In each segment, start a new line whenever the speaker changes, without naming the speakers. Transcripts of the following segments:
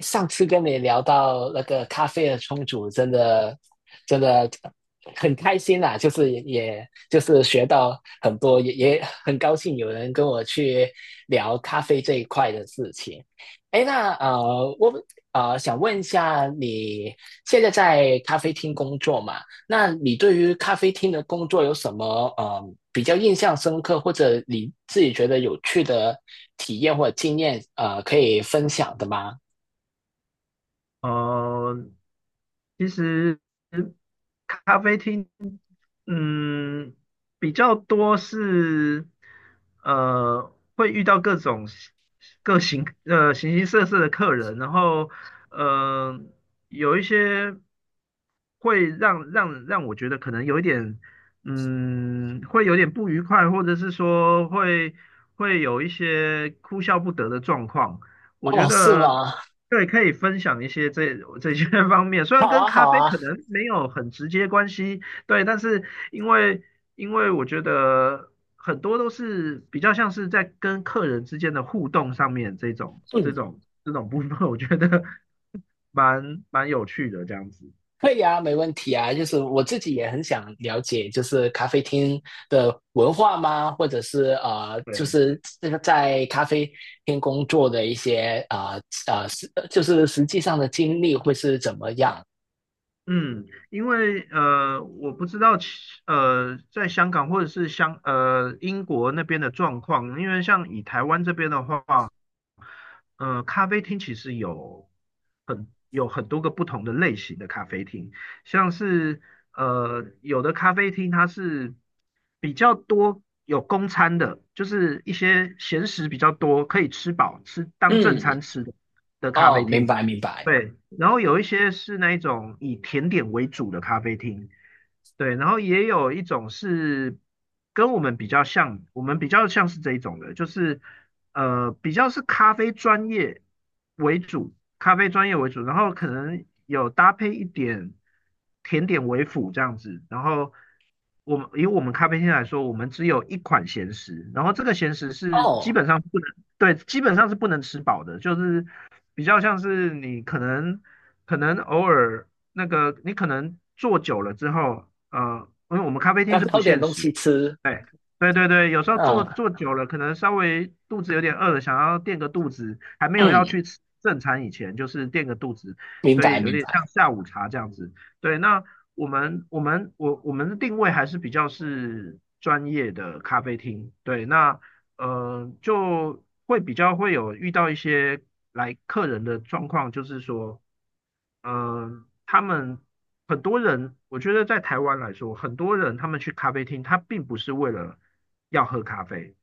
上次跟你聊到那个咖啡的冲煮，真的真的很开心啦，就是也就是学到很多，也很高兴有人跟我去聊咖啡这一块的事情。哎，那我想问一下，你现在在咖啡厅工作嘛？那你对于咖啡厅的工作有什么呃比较印象深刻，或者你自己觉得有趣的体验或者经验，可以分享的吗？
呃，其实咖啡厅，嗯，比较多是，会遇到各种形各形呃形形色色的客人，然后，呃，有一些会让我觉得可能有一点，嗯，会有点不愉快，或者是说会有一些哭笑不得的状况，我觉
哦，是
得。
吗？
对，可以分享一些这些 方面，虽然
好
跟
啊，
咖
好
啡
啊，
可能没有很直接关系，对，但是因为因为我觉得很多都是比较像是在跟客人之间的互动上面这种这
嗯，
种这种部分，我觉得 蛮有趣的这样子。
可以啊，没问题啊。就是我自己也很想了解，就是咖啡厅的文化吗？或者是就
对，
是这个在咖啡厅工作的一些就是实际上的经历会是怎么样？
嗯，因为我不知道在香港或者是英国那边的状况，因为像以台湾这边的话。咖啡厅其实有很多个不同的类型的咖啡厅，像是有的咖啡厅它是比较多有公餐的，就是一些闲食比较多，可以吃饱当正
嗯，
餐吃的咖
哦，
啡
明
厅，
白明白。
对。然后有一些是那一种以甜点为主的咖啡厅，对，然后也有一种是跟我们比较像，我们比较像是这一种的，就是比较是咖啡专业为主，咖啡专业为主，然后可能有搭配一点甜点为辅这样子。然后我们以我们咖啡厅来说，我们只有一款咸食，然后这个咸食是基
哦，
本上不能，对，基本上是不能吃饱的，就是比较像是你可能。可能偶尔那个你可能坐久了之后，因为我们咖啡
要
厅是不
找点
限
东
时，
西吃。
对对,有时候
嗯
坐久了，可能稍微肚子有点饿了，想要垫个肚子，还没有要
嗯，
去吃正餐以前，就是垫个肚子，
明
所以
白
有
明
点像
白。
下午茶这样子。对，那我们的定位还是比较是专业的咖啡厅，对，那就比较会有遇到一些来客人的状况，就是说。嗯，他们很多人，我觉得在台湾来说，很多人他们去咖啡厅，他并不是为了要喝咖啡，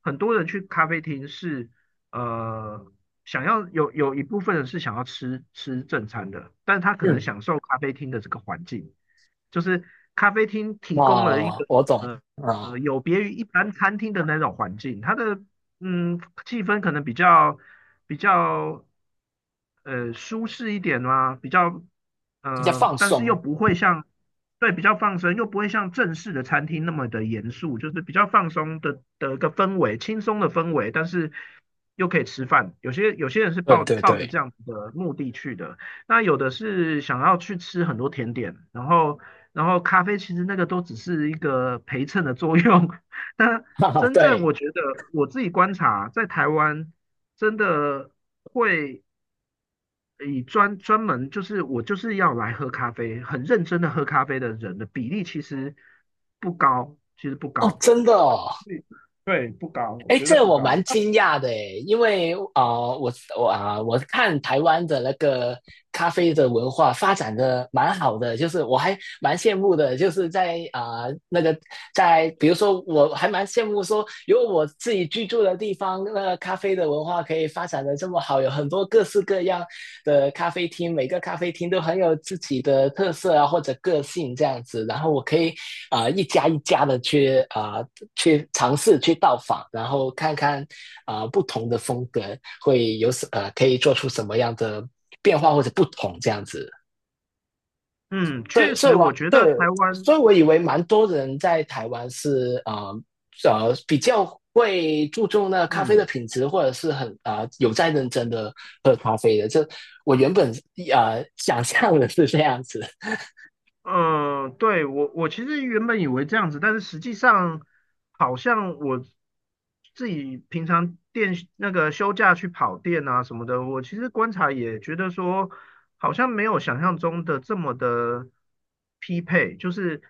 很多人去咖啡厅是呃想要有一部分人是想要吃正餐的，但他可能
嗯，
享受咖啡厅的这个环境，就是咖啡厅提供了一
哦，
个
我懂。
呃
嗯，
有别于一般餐厅的那种环境，它的嗯气氛可能比较舒适一点嘛，
要放
但是又
松。
不会像对比较放松，又不会像正式的餐厅那么的严肃，就是比较放松的一个氛围，轻松的氛围，但是又可以吃饭。有些人是
对
抱
对
抱着
对，
这样子的目的去的，那有的是想要去吃很多甜点，然后咖啡其实那个都只是一个陪衬的作用，但
哈哈，
真正
对。
我觉得我自己观察在台湾真的会。以专门就是我就是要来喝咖啡，很认真的喝咖啡的人的比例其实不高，其实不
哦，
高。
真的
对，
哦，
所以对，不高，我
哎，
觉得
这
不
我蛮
高。
惊讶的诶，因为我我看台湾的那个咖啡的文化发展的蛮好的，就是我还蛮羡慕的，就是在在，比如说我还蛮羡慕说，有我自己居住的地方，那个咖啡的文化可以发展的这么好，有很多各式各样的咖啡厅，每个咖啡厅都很有自己的特色啊，或者个性这样子。然后我可以一家一家的去去尝试去到访，然后看看不同的风格会有可以做出什么样的变化或者不同这样子。
嗯，
对，
确实，我觉得台
所
湾，
以我以为蛮多人在台湾是比较会注重那咖啡的
嗯
品质，或者是很有在认真的喝咖啡的。这我原本想象的是这样子。
对我其实原本以为这样子，但是实际上好像我自己平常店那个休假去跑店啊什么的，我其实观察也觉得说，好像没有想象中的这么的匹配，就是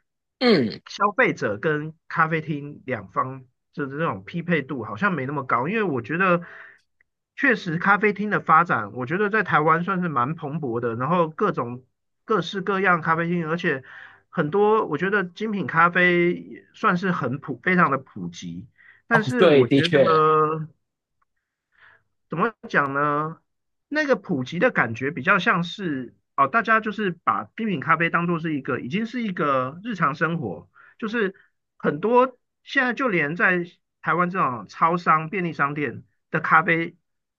嗯，
消费者跟咖啡厅两方的这种匹配度好像没那么高，因为我觉得确实咖啡厅的发展，我觉得在台湾算是蛮蓬勃的，然后各种各式各样咖啡厅，而且很多我觉得精品咖啡算是很普，非常的普及，
哦，
但是
对，
我
的
觉
确，
得。怎么讲呢？那个普及的感觉比较像是哦，大家就是把精品咖啡当做是一个，已经是一个日常生活，就是很多现在就连在台湾这种超商、便利商店的咖啡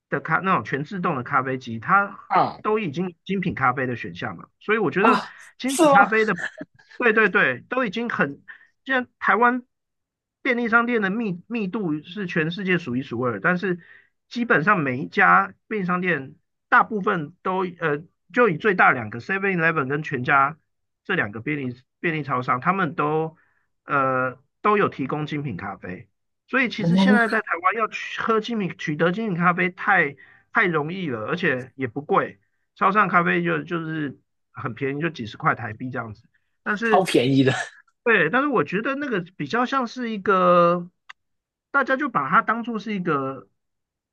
的咖那种全自动的咖啡机，它
嗯
都已经精品咖啡的选项了。所以我觉得
啊，
精
是
品咖
吗？
啡的，对对对，都已经很既然台湾便利商店的密度是全世界数一数二，但是基本上每一家便利商店大部分都就以最大两个 Seven Eleven 跟全家这两个便利超商，他们都都有提供精品咖啡，所以其实现
嗯，
在在台湾要取得精品咖啡太容易了，而且也不贵，超商咖啡就是很便宜，就几十块台币这样子。但
超
是，
便宜的。
对，但是我觉得那个比较像是一个，大家就把它当做是一个，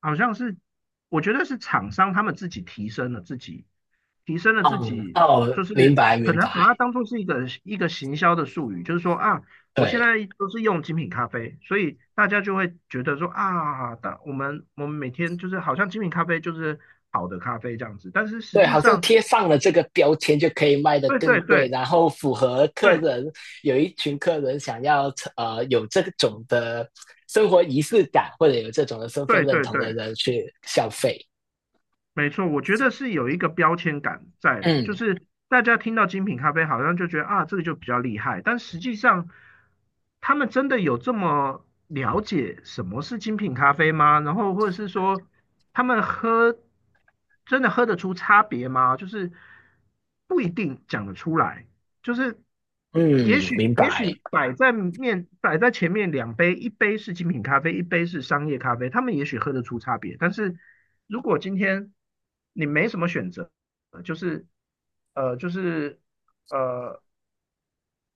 好像是，我觉得是厂商他们自己提升了自己，提升了自
嗯，
己，就
哦，明
是
白
可
明
能把它
白，
当做是一个行销的术语，就是说啊，我现
对。
在都是用精品咖啡，所以大家就会觉得说啊，但我们每天就是好像精品咖啡就是好的咖啡这样子，但是实
对，
际
好像
上，
贴上了这个标签就可以卖得
对
更
对
贵，
对
然后符合客
对
人，有一群客人想要有这种的生活仪式感，或者有这种的身份
对
认
对
同
对。
的人去消费。
没错，我觉得是有一个标签感在，
嗯
就是大家听到精品咖啡好像就觉得啊，这个就比较厉害，但实际上他们真的有这么了解什么是精品咖啡吗？然后或者是说他们喝真的喝得出差别吗？就是不一定讲得出来。就是也
嗯，
许
明
也
白。
许摆在前面两杯，一杯是精品咖啡，一杯是商业咖啡，他们也许喝得出差别。但是如果今天你没什么选择，呃就是呃就是呃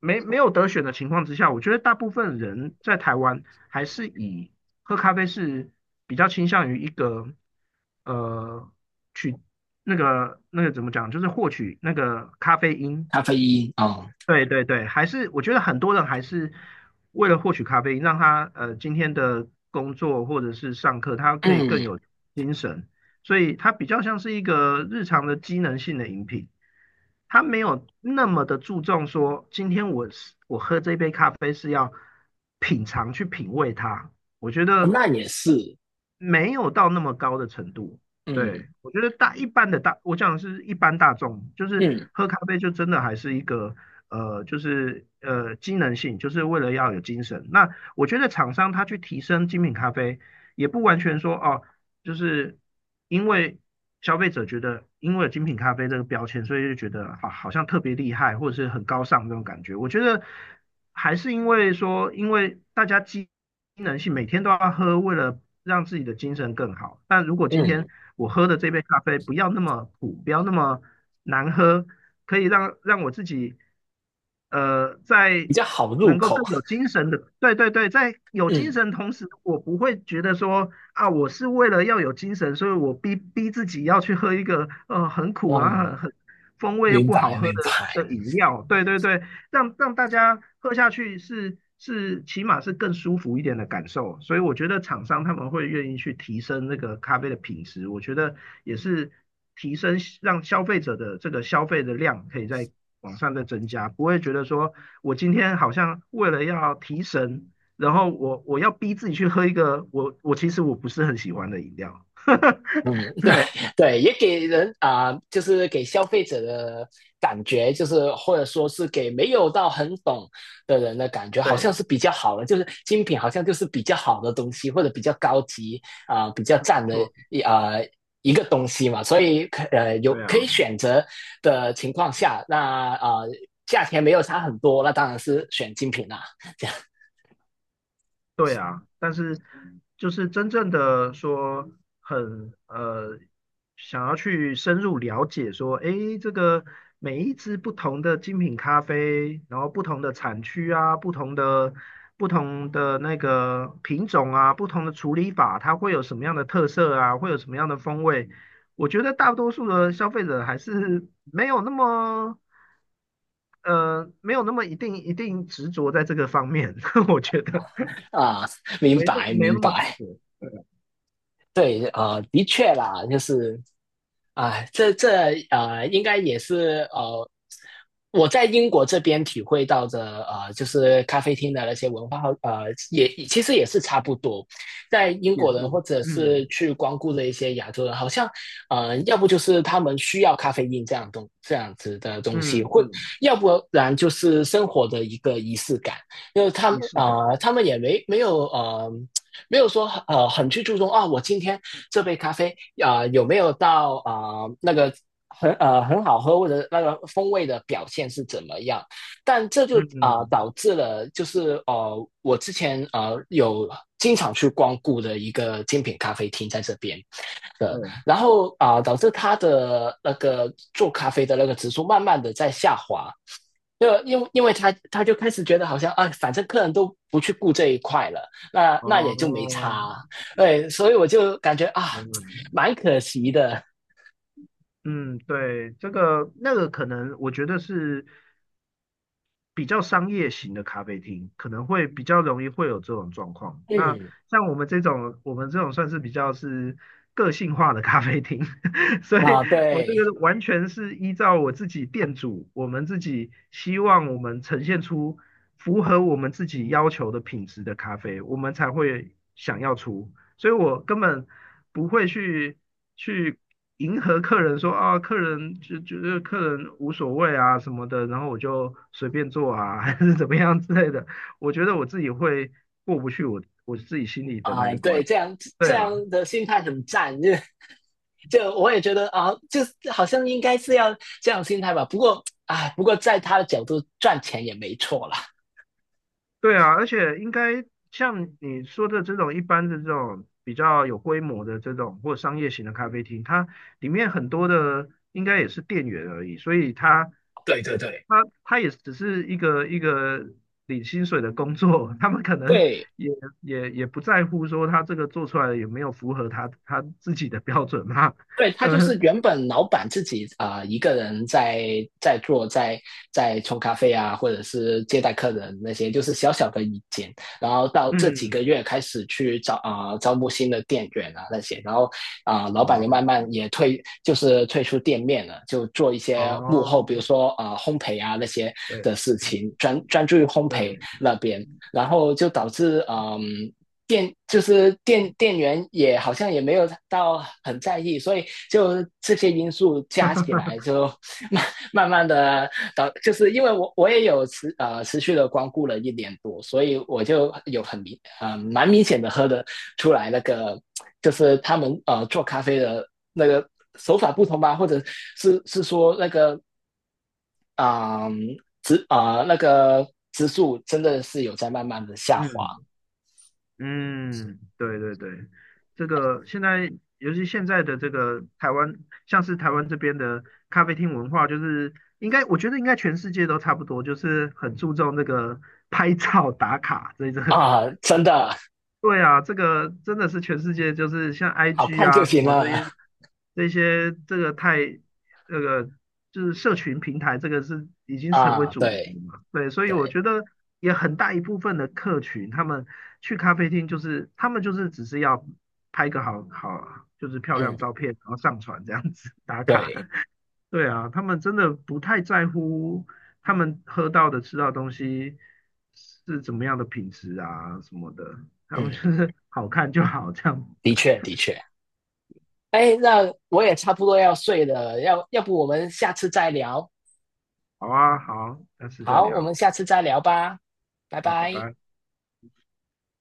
没没有得选的情况之下，我觉得大部分人在台湾还是以喝咖啡是比较倾向于一个呃取那个怎么讲，就是获取那个咖啡因
咖啡因哦，
对,还是我觉得很多人还是为了获取咖啡因，让他今天的工作或者是上课，他可以更
嗯，
有精神，所以它比较像是一个日常的机能性的饮品，他没有那么的注重说今天我喝这杯咖啡是要品尝去品味它，我觉得
那也是，
没有到那么高的程度。
嗯
对，我觉得大一般的大，我讲的是一般大众，就是
嗯
喝咖啡就真的还是一个就是机能性，就是为了要有精神。那我觉得厂商他去提升精品咖啡，也不完全说哦，就是因为消费者觉得，因为有精品咖啡这个标签，所以就觉得好好像特别厉害，或者是很高尚这种感觉。我觉得还是因为说，因为大家机能性每天都要喝，为了让自己的精神更好。但如果今天
嗯，
我喝的这杯咖啡不要那么苦，不要那么难喝，可以让我自己呃在
比较好入
能够
口。
更有精神的，对,在有精
嗯，
神同时，我不会觉得说啊，我是为了要有精神，所以我逼自己要去喝一个很苦啊，很
嗯，
很风味又
明
不好
白
喝
明白。
的饮料，对,让大家喝下去起码是更舒服一点的感受，所以我觉得厂商他们会愿意去提升那个咖啡的品质，我觉得也是提升让消费者的这个消费的量可以在往上再增加，不会觉得说我今天好像为了要提神，然后我要逼自己去喝一个我其实不是很喜欢的饮料，
嗯，
对
对，也给人就是给消费者的感觉，就是或者说是给没有到很懂的人的感觉，好
对，
像是比较好的，就是精品好像就是比较好的东西，或者比较高级啊、比较
没
赞的
错，
一啊、一个东西嘛。所以有
对啊。
可以选择的情况下，那价钱没有差很多，那当然是选精品啦。
对啊，但是就是真正的说很呃，想要去深入了解说，诶，这个每一支不同的精品咖啡，然后不同的产区啊，不同的那个品种啊，不同的处理法，它会有什么样的特色啊，会有什么样的风味？我觉得大多数的消费者还是没有那么没有那么一定执着在这个方面，我觉得
啊、明白
没
明
那么
白，
执着。
对，的确啦，就是啊，这应该也是我在英国这边体会到的就是咖啡厅的那些文化也其实也是差不多。在英
也
国
是，
人或者是
嗯
去光顾的一些亚洲人，好像要不就是他们需要咖啡因这样这样子的东
嗯
西，或
嗯，
要不然就是生活的一个仪式感，因为他
仪
们
式感，
他们也没有。没有说很去注重啊，我今天这杯咖啡有没有到那个很好喝或者那个风味的表现是怎么样？但这就
嗯，嗯，
导致了就是我之前有经常去光顾的一个精品咖啡厅在这边的，
对，
然后导致它的那个做咖啡的那个指数慢慢的在下滑，就因为他就开始觉得好像啊，反正客人都不去顾这一块了，那也就没
哦，
差，对，所以我就感觉啊，
原来，
蛮可惜的，
嗯，对，这个那个可能，我觉得是比较商业型的咖啡厅，可能会比较容易会有这种状况。那
嗯，
像我们这种，我们这种算是比较是个性化的咖啡厅，所以
啊，
我这
对，
个完全是依照我自己店主，我们自己希望我们呈现出符合我们自己要求的品质的咖啡，我们才会想要出。所以我根本不会去迎合客人说啊，客人就觉得客人无所谓啊什么的，然后我就随便做啊，还是怎么样之类的。我觉得我自己会过不去我自己心里的那
啊，
一
对，
关。
这样这
对啊
样的心态很赞，就我也觉得啊，就是好像应该是要这样心态吧，不过在他的角度赚钱也没错啦，
对啊,而且应该像你说的这种一般的这种比较有规模的这种或商业型的咖啡厅，它里面很多的应该也是店员而已，所以他
对对对
他他也只是一个领薪水的工作，他们可能
对。
也也不在乎说他这个做出来有没有符合他自己的标准嘛，
对 他就
嗯
是原本老板自己一个人在做，在冲咖啡啊，或者是接待客人那些，就是小小的一间。然后到这几
嗯，
个月开始去招募新的店员啊那些，然后老板就慢
哦
慢也退，就是退出店面了，就做一些幕
哦，
后，比如说烘焙啊那些
对
的事情，专注于烘焙
对，
那边。然后就导致嗯店就是店员也好像也没有到很在意，所以就这些因素加起来就 慢慢慢的就是因为我也有持续的光顾了一年多，所以我就有蛮明显的喝的出来那个就是他们做咖啡的那个手法不同吧，或者是说那个啊植啊那个植数真的是有在慢慢的下滑。
嗯。嗯。对对对，这个现在，尤其现在的这个台湾，像是台湾这边的咖啡厅文化，就是应该，我觉得应该全世界都差不多，就是很注重那个拍照打卡这一个
啊，真的，
对啊，这个真的是全世界，就是像
好
IG
看就
啊什
行
么这
了
些这些，这个太那个就是社群平台，这个是已经成为
啊。
主流了
对
嘛。对，所以我
对，
觉得也很大一部分的客群，他们去咖啡厅就是他们就是只是要拍个就是漂亮照
嗯
片，然后上传这样子打卡。
对
对啊，他们真的不太在乎他们喝到的、吃到的东西是怎么样的品质啊什么的，他们就
嗯，
是好看就好，这样。
的确的确。哎，那我也差不多要睡了，要不我们下次再聊？
好啊，好，下次再
好，我
聊
们下次再聊吧，拜
啊，拜
拜。
拜。